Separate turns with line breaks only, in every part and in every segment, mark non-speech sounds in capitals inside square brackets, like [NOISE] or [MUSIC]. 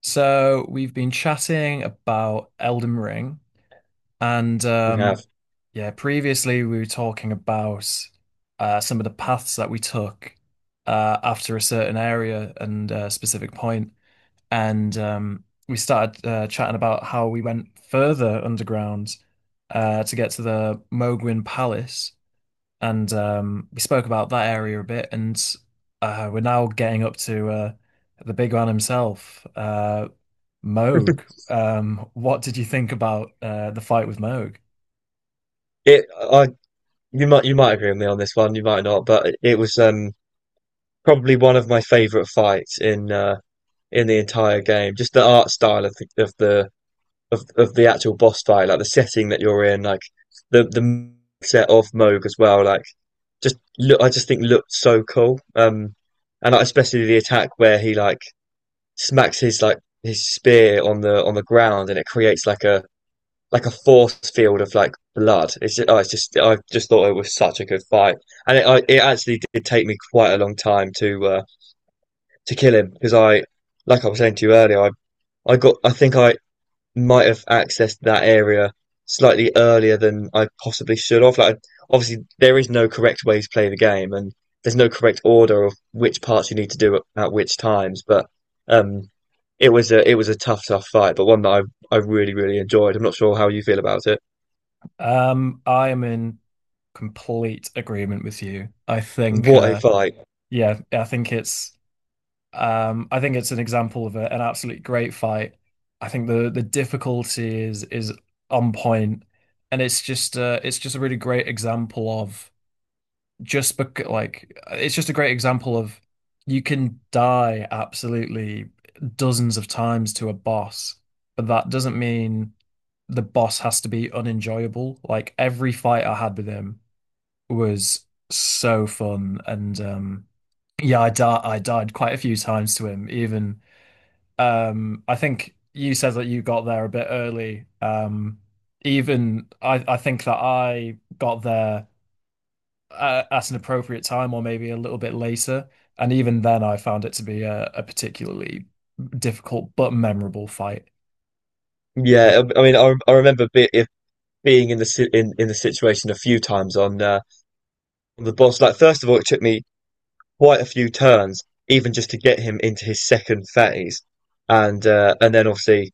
So we've been chatting about Elden Ring, and
We have
yeah, previously we were talking about some of the paths that we took after a certain area and a specific point, and we started chatting about how we went further underground to get to the Mogwin Palace, and we spoke about that area a bit, and we're now getting up to the big man himself. Moog. What did you think about the fight with Moog?
it. I You might agree with me on this one. You might not, but it was probably one of my favorite fights in the entire game. Just the art style of the of the of the actual boss fight, like the setting that you're in, like the set of Moog as well. Like I just think looked so cool. And like, especially the attack where he like smacks his like his spear on the ground, and it creates like a force field of like blood. It's just, oh, it's just I just thought it was such a good fight, and it actually did take me quite a long time to kill him because like I was saying to you earlier, I got I think I might have accessed that area slightly earlier than I possibly should have. Like obviously there is no correct way to play the game, and there's no correct order of which parts you need to do at which times, but um. It was a tough, tough fight, but one that I really, really enjoyed. I'm not sure how you feel about it.
I am in complete agreement with you. I think,
What a fight!
yeah, I think I think it's an example of an absolutely great fight. I think the difficulty is on point, and it's just a really great example of. Just bec like it's just a great example of you can die absolutely dozens of times to a boss, but that doesn't mean the boss has to be unenjoyable. Like every fight I had with him was so fun, and yeah, I died quite a few times to him even. I think you said that you got there a bit early. Even I think that I got there at an appropriate time or maybe a little bit later. And even then, I found it to be a particularly difficult but memorable fight. [LAUGHS] Uh,
Yeah, I remember be, if being in in the situation a few times on the boss. Like, first of all, it took me quite a few turns, even just to get him into his second phase, and then obviously,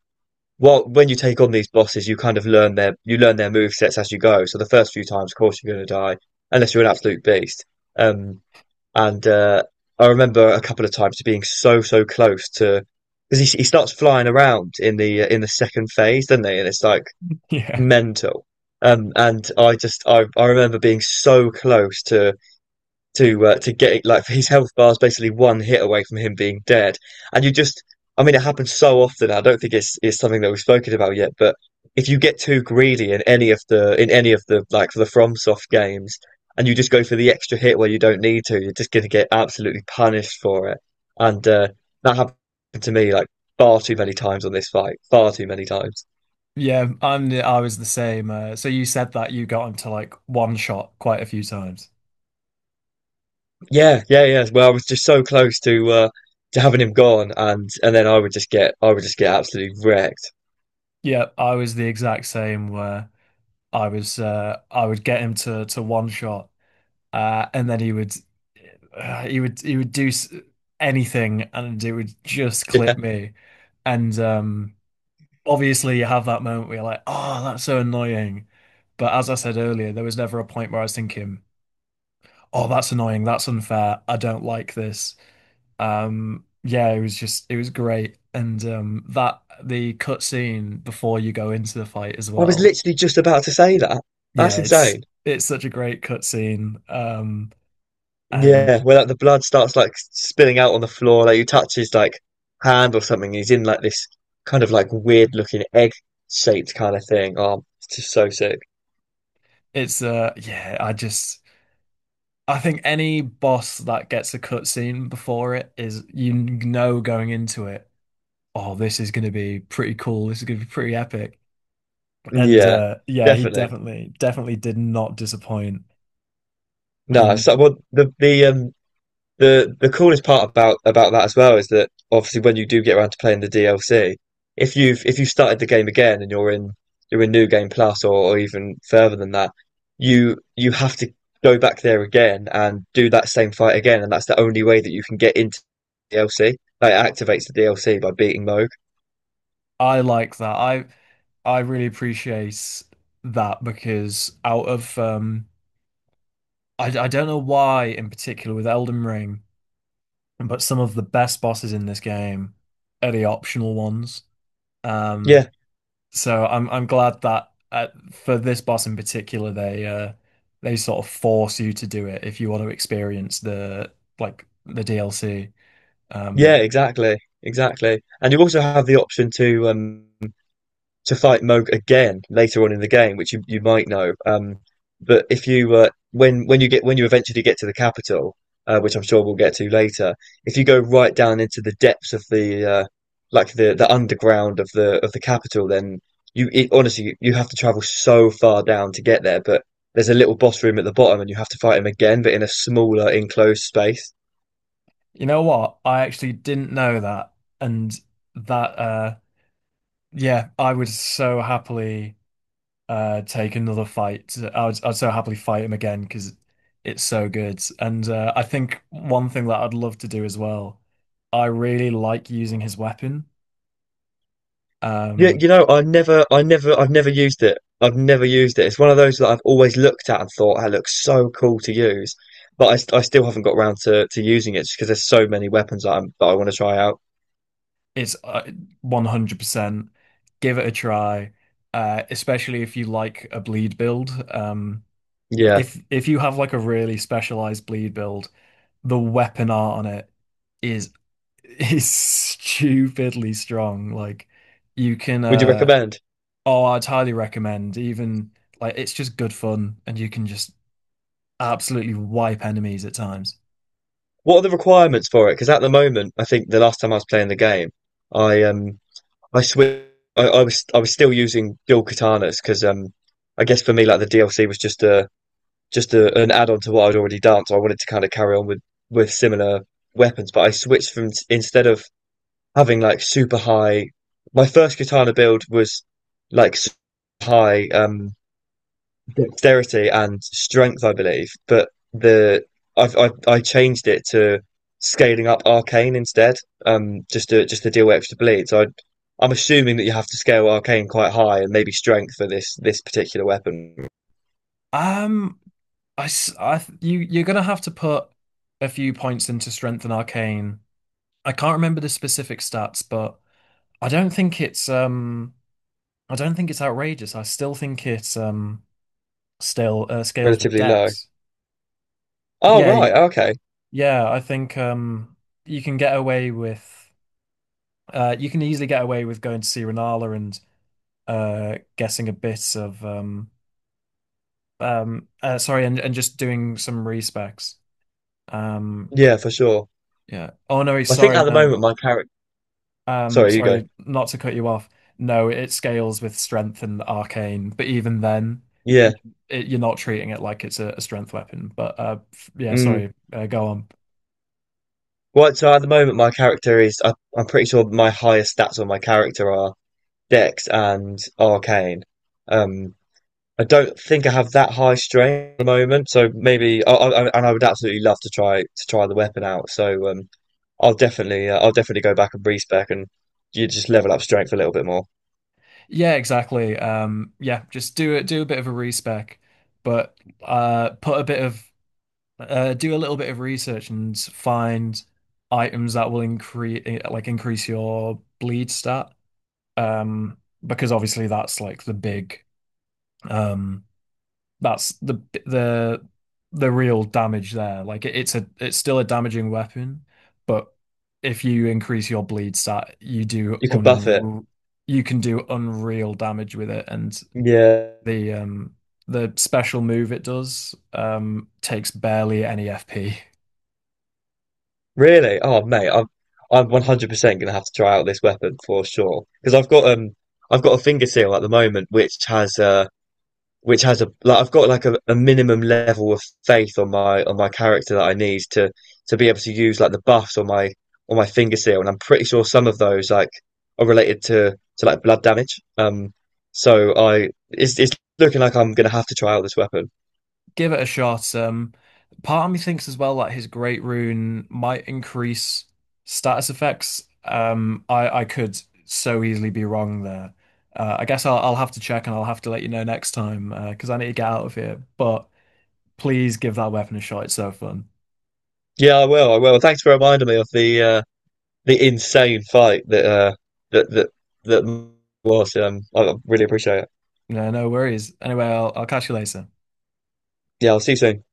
well, when you take on these bosses, you kind of learn their you learn their move sets as you go. So the first few times, of course, you're going to die unless you're an absolute beast. Um, And I remember a couple of times being so close to because he starts flying around in the second phase, doesn't he? And it's like
yeah.
mental. And I just I remember being so close to to get it, like his health bar is basically one hit away from him being dead. And you just, I mean, it happens so often. I don't think it's something that we've spoken about yet, but if you get too greedy in any of the like for the FromSoft games, and you just go for the extra hit where you don't need to, you're just going to get absolutely punished for it. And that happened to me like far too many times on this fight, far too many times.
Yeah, I was the same. So you said that you got into like one shot quite a few times.
Yeah, yeah, yeah. Well, I was just so close to having him gone, and then I would just get absolutely wrecked.
Yeah, I was the exact same where I was I would get him to one shot, and then he would he would do anything and it would just
Yeah.
clip me. And obviously you have that moment where you're like, oh, that's so annoying. But as I said earlier, there was never a point where I was thinking, oh, that's annoying, that's unfair, I don't like this. Yeah, it was just it was great. And that the cutscene before you go into the fight as
I was
well.
literally just about to say that. That's
Yeah,
insane.
it's such a great cutscene. And
Yeah, where like the blood starts like spilling out on the floor, like you touch his like hand or something, he's in like this kind of like weird looking egg shaped kind of thing. Oh, it's just so sick.
it's yeah, I just I think any boss that gets a cutscene before it is, you know, going into it, oh, this is going to be pretty cool. This is going to be pretty epic. And
Yeah,
yeah, he
definitely.
definitely, definitely did not disappoint.
No,
And
so well, the coolest part about that as well is that obviously when you do get around to playing the DLC, if you've started the game again, and you're in New Game Plus, or even further than that, you have to go back there again and do that same fight again, and that's the only way that you can get into DLC. Like it activates the DLC by beating Moog.
I like that. I really appreciate that because out of I don't know why in particular with Elden Ring, but some of the best bosses in this game are the optional ones. Um,
Yeah,
So I'm glad that for this boss in particular, they sort of force you to do it if you want to experience the like the DLC.
yeah,
Um,
exactly, exactly. And you also have the option to fight Moog again later on in the game, which you might know. But if you when you get when you eventually get to the capital, which I'm sure we'll get to later, if you go right down into the depths of the like the underground of the capital, then honestly you have to travel so far down to get there. But there's a little boss room at the bottom, and you have to fight him again, but in a smaller enclosed space.
you know what? I actually didn't know that, and that yeah, I would so happily take another fight. I'd so happily fight him again because it's so good. And I think one thing that I'd love to do as well, I really like using his weapon.
Yeah,
Um,
you know, I've never used it. I've never used it. It's one of those that I've always looked at and thought, that looks so cool to use, but I still haven't got around to using it just because there's so many weapons that I want to try out.
It's 100%. Give it a try, especially if you like a bleed build.
Yeah.
If you have like a really specialized bleed build, the weapon art on it is is [LAUGHS] stupidly strong. Like you can
Would you recommend?
oh, I'd highly recommend. Even like it's just good fun and you can just absolutely wipe enemies at times.
What are the requirements for it? Because at the moment, I think the last time I was playing the game, I um, I switched. I was still using dual katanas because I guess for me like the DLC was just a, an add on to what I'd already done. So I wanted to kind of carry on with similar weapons, but I switched from instead of having like super high. My first katana build was like high dexterity and strength, I believe, but the I've I changed it to scaling up arcane instead, just to deal with extra bleed. I'm assuming that you have to scale arcane quite high and maybe strength for this particular weapon
Um, I, s- I th- you you're gonna have to put a few points into Strength and Arcane. I can't remember the specific stats, but I don't think it's I don't think it's outrageous. I still think it's still scales with
relatively low.
Dex.
Oh
Yeah,
right, okay.
yeah, I think you can get away with you can easily get away with going to see Renala and guessing a bit of sorry, and just doing some respecs. Um
Yeah, for sure.
yeah. Oh no,
I think
sorry,
at the
no.
moment my character. Sorry, you go.
Sorry, not to cut you off. No, it scales with strength and arcane, but even then, y
Yeah.
it, you're not treating it like it's a strength weapon. But yeah,
Mm.
sorry, go on.
Right. So at the moment my character is. I'm pretty sure my highest stats on my character are Dex and Arcane. Um. I don't think I have that high strain at the moment. So maybe. And I would absolutely love to try the weapon out. So. I'll definitely. I'll definitely go back and respec, and you just level up strength a little bit more.
Yeah, exactly. Yeah, just do it. Do a bit of a respec, but put a bit of do a little bit of research and find items that will increase increase your bleed stat. Um, because obviously that's like the big um. that's the the real damage there. Like it's a it's still a damaging weapon, but if you increase your bleed stat,
You can buff it.
you can do unreal damage with it, and
Yeah.
the um the special move it does takes barely any FP.
Really? Oh, mate, I'm 100% gonna have to try out this weapon for sure. Because I've got a finger seal at the moment, which has a like I've got like a minimum level of faith on my character that I need to be able to use like the buffs on my finger seal, and I'm pretty sure some of those like are related to like blood damage. So I it's looking like I'm gonna have to try out this weapon.
Give it a shot. Part of me thinks as well that his Great Rune might increase status effects. I could so easily be wrong there. I guess I'll have to check and I'll have to let you know next time because I need to get out of here. But please give that weapon a shot. It's so fun.
Yeah, I will. I will. Thanks for reminding me of the insane fight that that that that was. I really appreciate it.
No, no worries. Anyway, I'll catch you later.
Yeah, I'll see you soon.